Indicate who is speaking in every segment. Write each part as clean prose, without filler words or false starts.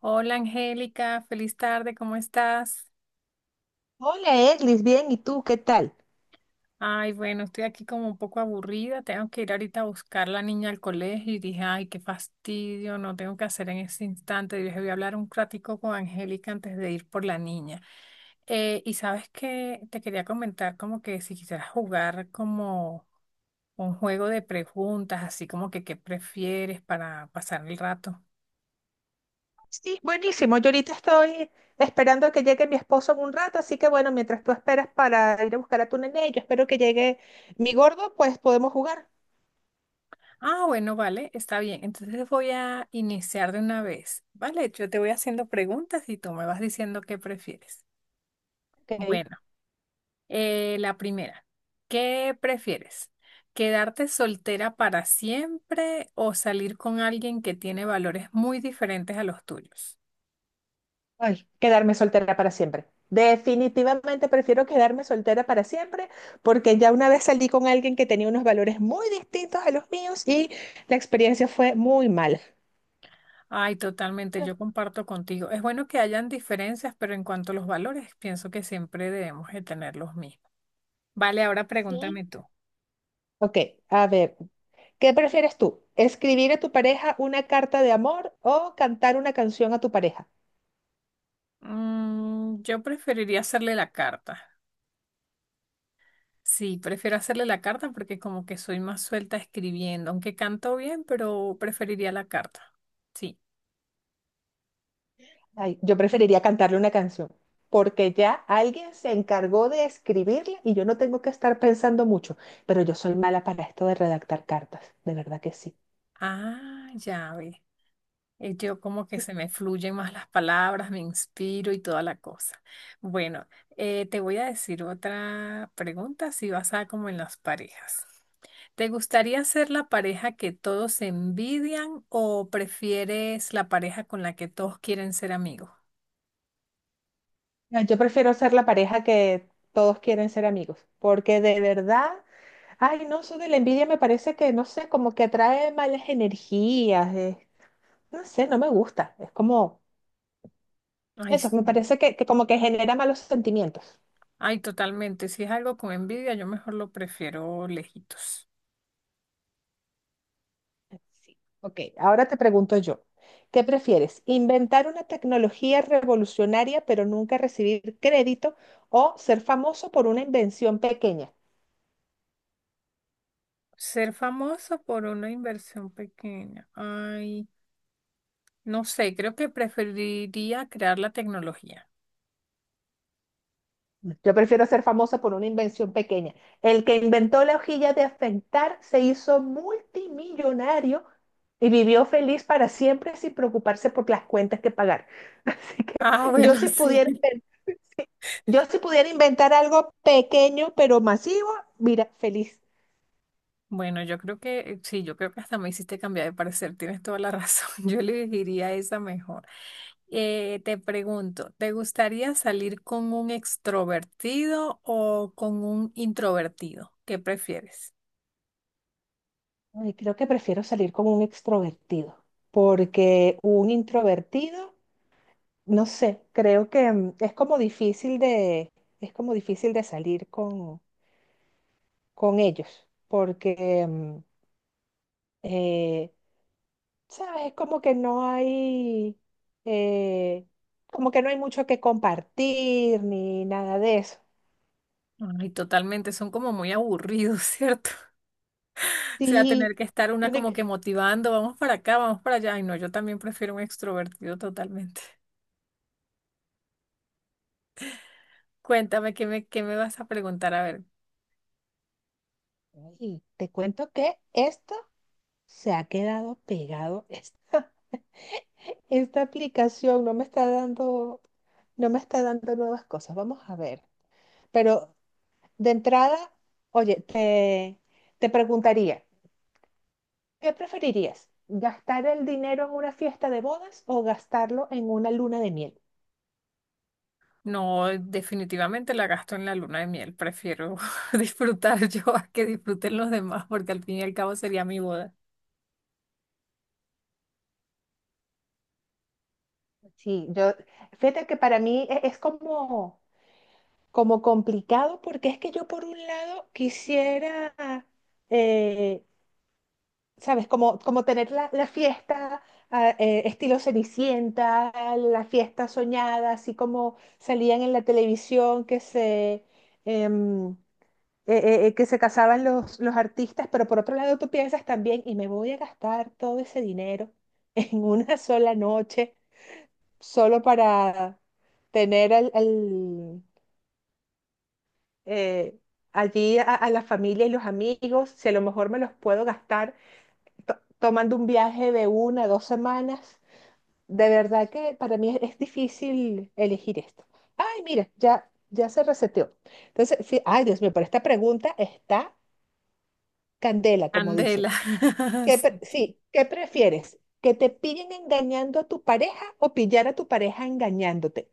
Speaker 1: Hola Angélica, feliz tarde, ¿cómo estás?
Speaker 2: Hola, Edlis, bien, ¿y tú qué tal?
Speaker 1: Ay, bueno, estoy aquí como un poco aburrida, tengo que ir ahorita a buscar a la niña al colegio y dije, ay, qué fastidio, no tengo que hacer en ese instante. Y dije, voy a hablar un ratico con Angélica antes de ir por la niña. Y sabes que te quería comentar como que si quisieras jugar como un juego de preguntas, así como que qué prefieres para pasar el rato.
Speaker 2: Sí, buenísimo. Yo ahorita estoy esperando que llegue mi esposo en un rato, así que bueno, mientras tú esperas para ir a buscar a tu nene, yo espero que llegue mi gordo, pues podemos jugar.
Speaker 1: Ah, bueno, vale, está bien. Entonces voy a iniciar de una vez. Vale, yo te voy haciendo preguntas y tú me vas diciendo qué prefieres.
Speaker 2: Ok.
Speaker 1: Bueno, la primera, ¿qué prefieres? ¿Quedarte soltera para siempre o salir con alguien que tiene valores muy diferentes a los tuyos?
Speaker 2: Ay, quedarme soltera para siempre. Definitivamente prefiero quedarme soltera para siempre, porque ya una vez salí con alguien que tenía unos valores muy distintos a los míos y la experiencia fue muy mala.
Speaker 1: Ay, totalmente, yo comparto contigo. Es bueno que hayan diferencias, pero en cuanto a los valores, pienso que siempre debemos de tener los mismos. Vale, ahora
Speaker 2: Sí,
Speaker 1: pregúntame tú.
Speaker 2: ok, a ver. ¿Qué prefieres tú? ¿Escribir a tu pareja una carta de amor o cantar una canción a tu pareja?
Speaker 1: Mm, yo preferiría hacerle la carta. Sí, prefiero hacerle la carta porque como que soy más suelta escribiendo, aunque canto bien, pero preferiría la carta. Sí.
Speaker 2: Ay, yo preferiría cantarle una canción, porque ya alguien se encargó de escribirla y yo no tengo que estar pensando mucho, pero yo soy mala para esto de redactar cartas, de verdad que sí.
Speaker 1: Ah, ya ve. Yo como que se me fluyen más las palabras, me inspiro y toda la cosa. Bueno, te voy a decir otra pregunta, si vas a como en las parejas. ¿Te gustaría ser la pareja que todos envidian o prefieres la pareja con la que todos quieren ser amigos?
Speaker 2: No, yo prefiero ser la pareja que todos quieren ser amigos, porque de verdad, ay, no, eso de la envidia me parece que, no sé, como que atrae malas energías, no sé, no me gusta, es como...
Speaker 1: Ay,
Speaker 2: Eso,
Speaker 1: sí.
Speaker 2: me parece que como que genera malos sentimientos.
Speaker 1: Ay, totalmente. Si es algo con envidia, yo mejor lo prefiero lejitos.
Speaker 2: Sí. Ok, ahora te pregunto yo, ¿qué prefieres? ¿Inventar una tecnología revolucionaria pero nunca recibir crédito o ser famoso por una invención pequeña?
Speaker 1: Ser famoso por una inversión pequeña. Ay, no sé, creo que preferiría crear la tecnología.
Speaker 2: Yo prefiero ser famosa por una invención pequeña. El que inventó la hojilla de afeitar se hizo multimillonario y vivió feliz para siempre sin preocuparse por las cuentas que pagar. Así que
Speaker 1: Ah,
Speaker 2: yo
Speaker 1: bueno,
Speaker 2: si
Speaker 1: sí.
Speaker 2: pudiera yo si pudiera inventar algo pequeño pero masivo, mira, feliz.
Speaker 1: Bueno, yo creo que sí, yo creo que hasta me hiciste cambiar de parecer. Tienes toda la razón. Yo elegiría esa mejor. Te pregunto, ¿te gustaría salir con un extrovertido o con un introvertido? ¿Qué prefieres?
Speaker 2: Ay, creo que prefiero salir como un extrovertido, porque un introvertido, no sé, creo que es como es como difícil de salir con ellos, porque, eh, ¿sabes? Es como que no hay, eh, como que no hay mucho que compartir ni nada de eso.
Speaker 1: Ay, totalmente, son como muy aburridos, ¿cierto? O sea, tener
Speaker 2: Sí,
Speaker 1: que estar una
Speaker 2: bueno,
Speaker 1: como que motivando, vamos para acá, vamos para allá. Ay, no, yo también prefiero un extrovertido totalmente. Cuéntame, ¿qué me vas a preguntar? A ver,
Speaker 2: ay, te cuento que esto... Se ha quedado pegado esta, aplicación, no me está dando nuevas cosas. Vamos a ver. Pero de entrada, oye, te preguntaría, ¿qué preferirías? ¿Gastar el dinero en una fiesta de bodas o gastarlo en una luna de miel?
Speaker 1: no, definitivamente la gasto en la luna de miel, prefiero disfrutar yo a que disfruten los demás, porque al fin y al cabo sería mi boda.
Speaker 2: Sí, fíjate que para mí es como, como complicado porque es que yo por un lado quisiera eh, ¿sabes? Como tener la fiesta estilo Cenicienta, la fiesta soñada, así como salían en la televisión em, que se casaban los artistas, pero por otro lado tú piensas también, y me voy a gastar todo ese dinero en una sola noche solo para tener eh, allí a la familia y los amigos, si a lo mejor me los puedo gastar tomando un viaje de una, dos semanas. De verdad que para mí es difícil elegir esto. Ay, mira, ya se reseteó. Entonces, sí, ay, Dios mío, pero esta pregunta está candela, como dicen.
Speaker 1: Candela. Sí.
Speaker 2: ¿Qué prefieres? ¿Que te pillen engañando a tu pareja o pillar a tu pareja engañándote?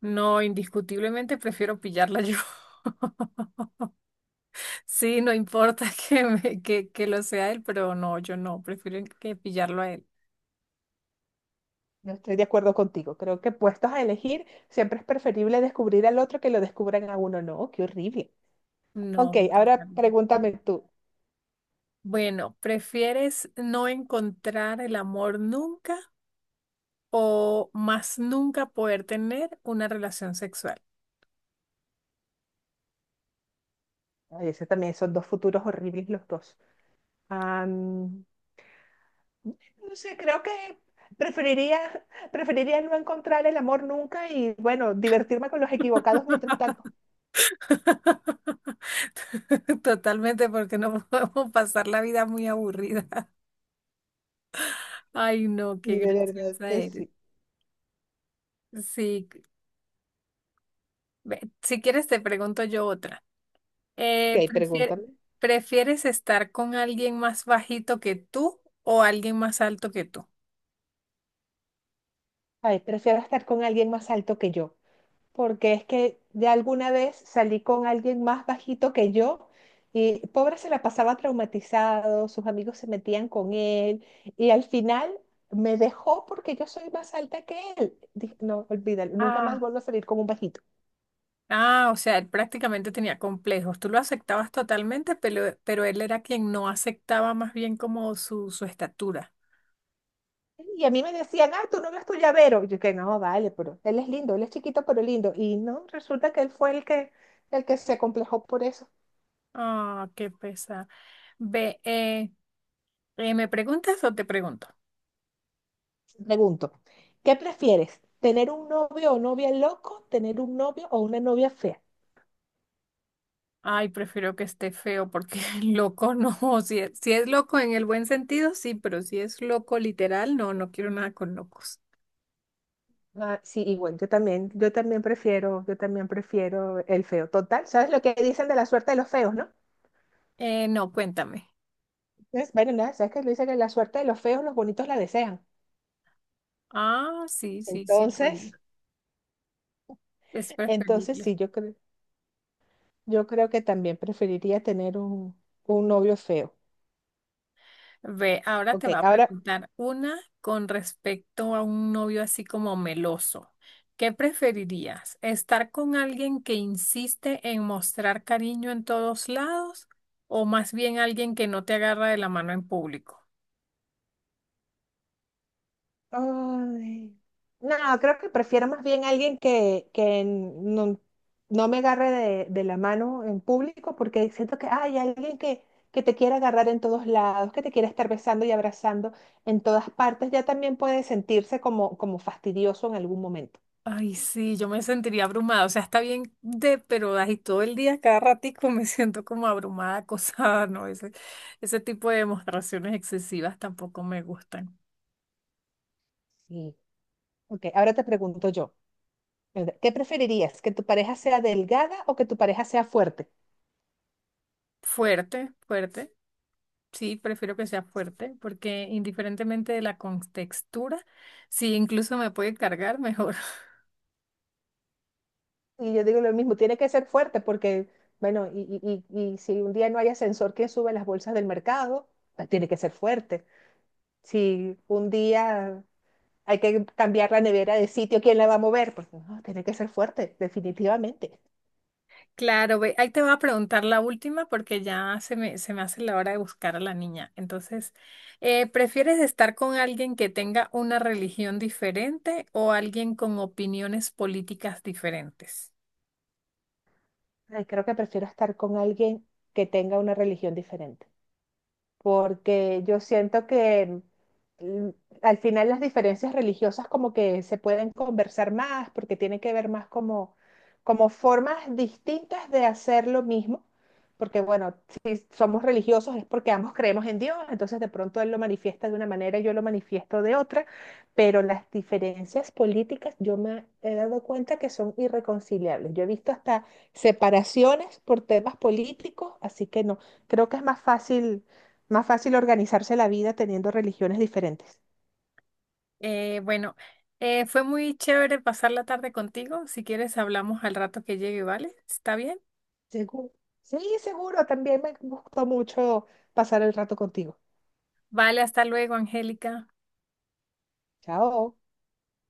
Speaker 1: No, indiscutiblemente prefiero pillarla yo. Sí, no importa que lo sea él, pero no, yo no, prefiero que pillarlo a él.
Speaker 2: No estoy de acuerdo contigo. Creo que puestos a elegir, siempre es preferible descubrir al otro que lo descubran a uno. No, qué horrible.
Speaker 1: No.
Speaker 2: Ok,
Speaker 1: Yo
Speaker 2: ahora
Speaker 1: también.
Speaker 2: pregúntame tú.
Speaker 1: Bueno, ¿prefieres no encontrar el amor nunca o más nunca poder tener una relación sexual?
Speaker 2: Ay, ese también, esos dos futuros horribles los dos. Am, no sé, creo que preferiría, preferiría no encontrar el amor nunca y, bueno, divertirme con los equivocados mientras tanto.
Speaker 1: Totalmente, porque no podemos pasar la vida muy aburrida. Ay, no, qué
Speaker 2: Y de verdad
Speaker 1: graciosa
Speaker 2: que
Speaker 1: eres.
Speaker 2: sí.
Speaker 1: Sí, ve, si quieres te pregunto yo otra.
Speaker 2: Ok,
Speaker 1: Eh, prefier-
Speaker 2: pregúntame.
Speaker 1: ¿Prefieres estar con alguien más bajito que tú o alguien más alto que tú?
Speaker 2: Ay, prefiero estar con alguien más alto que yo, porque es que de alguna vez salí con alguien más bajito que yo y pobre se la pasaba traumatizado, sus amigos se metían con él y al final me dejó porque yo soy más alta que él. Dije, no, olvídalo, nunca más
Speaker 1: Ah.
Speaker 2: vuelvo a salir con un bajito.
Speaker 1: Ah, o sea, él prácticamente tenía complejos. Tú lo aceptabas totalmente, pero él era quien no aceptaba más bien como su estatura.
Speaker 2: Y a mí me decían, ah, tú no ves tu llavero. Y yo que no, vale, pero él es lindo, él es chiquito pero lindo. Y no, resulta que él fue el que se complejó por eso.
Speaker 1: Ah, qué pesar. Ve, ¿me preguntas o te pregunto?
Speaker 2: Pregunto, ¿qué prefieres? ¿Tener un novio o novia loco? ¿Tener un novio o una novia fea?
Speaker 1: Ay, prefiero que esté feo porque loco no. Si es loco en el buen sentido, sí, pero si es loco literal, no, no quiero nada con locos.
Speaker 2: Ah, sí, igual, yo también, yo también prefiero el feo. Total, ¿sabes lo que dicen de la suerte de los feos, no?
Speaker 1: No, cuéntame.
Speaker 2: Entonces, bueno, nada, ¿sabes que dicen que la suerte de los feos, los bonitos la desean?
Speaker 1: Ah, sí, sí, sí, lo oí.
Speaker 2: Entonces,
Speaker 1: Es
Speaker 2: entonces
Speaker 1: preferible.
Speaker 2: sí, yo creo que también preferiría tener un novio feo.
Speaker 1: Ve, ahora te
Speaker 2: Ok,
Speaker 1: va a
Speaker 2: ahora
Speaker 1: preguntar una con respecto a un novio así como meloso. ¿Qué preferirías? ¿Estar con alguien que insiste en mostrar cariño en todos lados o más bien alguien que no te agarra de la mano en público?
Speaker 2: ay. No, creo que prefiero más bien alguien que no, no me agarre de la mano en público porque siento que hay alguien que te quiere agarrar en todos lados, que te quiere estar besando y abrazando en todas partes, ya también puede sentirse como, como fastidioso en algún momento.
Speaker 1: Ay, sí, yo me sentiría abrumada. O sea, está bien de, pero ahí todo el día, cada ratico me siento como abrumada, acosada, ¿no? Ese tipo de demostraciones excesivas tampoco me gustan.
Speaker 2: Sí. Ok, ahora te pregunto yo, ¿qué preferirías? ¿Que tu pareja sea delgada o que tu pareja sea fuerte?
Speaker 1: Fuerte, fuerte. Sí, prefiero que sea fuerte, porque indiferentemente de la contextura, sí, incluso me puede cargar mejor.
Speaker 2: Y yo digo lo mismo, tiene que ser fuerte porque, bueno, y si un día no hay ascensor que sube las bolsas del mercado, pues tiene que ser fuerte. Si un día hay que cambiar la nevera de sitio, ¿quién la va a mover? Pues no, tiene que ser fuerte, definitivamente.
Speaker 1: Claro, ve, ahí te voy a preguntar la última porque se me hace la hora de buscar a la niña. Entonces, ¿prefieres estar con alguien que tenga una religión diferente o alguien con opiniones políticas diferentes?
Speaker 2: Ay, creo que prefiero estar con alguien que tenga una religión diferente, porque yo siento que mm, al final las diferencias religiosas como que se pueden conversar más, porque tiene que ver más como, como formas distintas de hacer lo mismo, porque bueno, si somos religiosos es porque ambos creemos en Dios, entonces de pronto Él lo manifiesta de una manera y yo lo manifiesto de otra, pero las diferencias políticas yo me he dado cuenta que son irreconciliables. Yo he visto hasta separaciones por temas políticos, así que no, creo que es más fácil organizarse la vida teniendo religiones diferentes.
Speaker 1: Eh, bueno, fue muy chévere pasar la tarde contigo. Si quieres, hablamos al rato que llegue, ¿vale? ¿Está bien?
Speaker 2: Seguro. Sí, seguro, también me gustó mucho pasar el rato contigo.
Speaker 1: Vale, hasta luego, Angélica.
Speaker 2: Chao.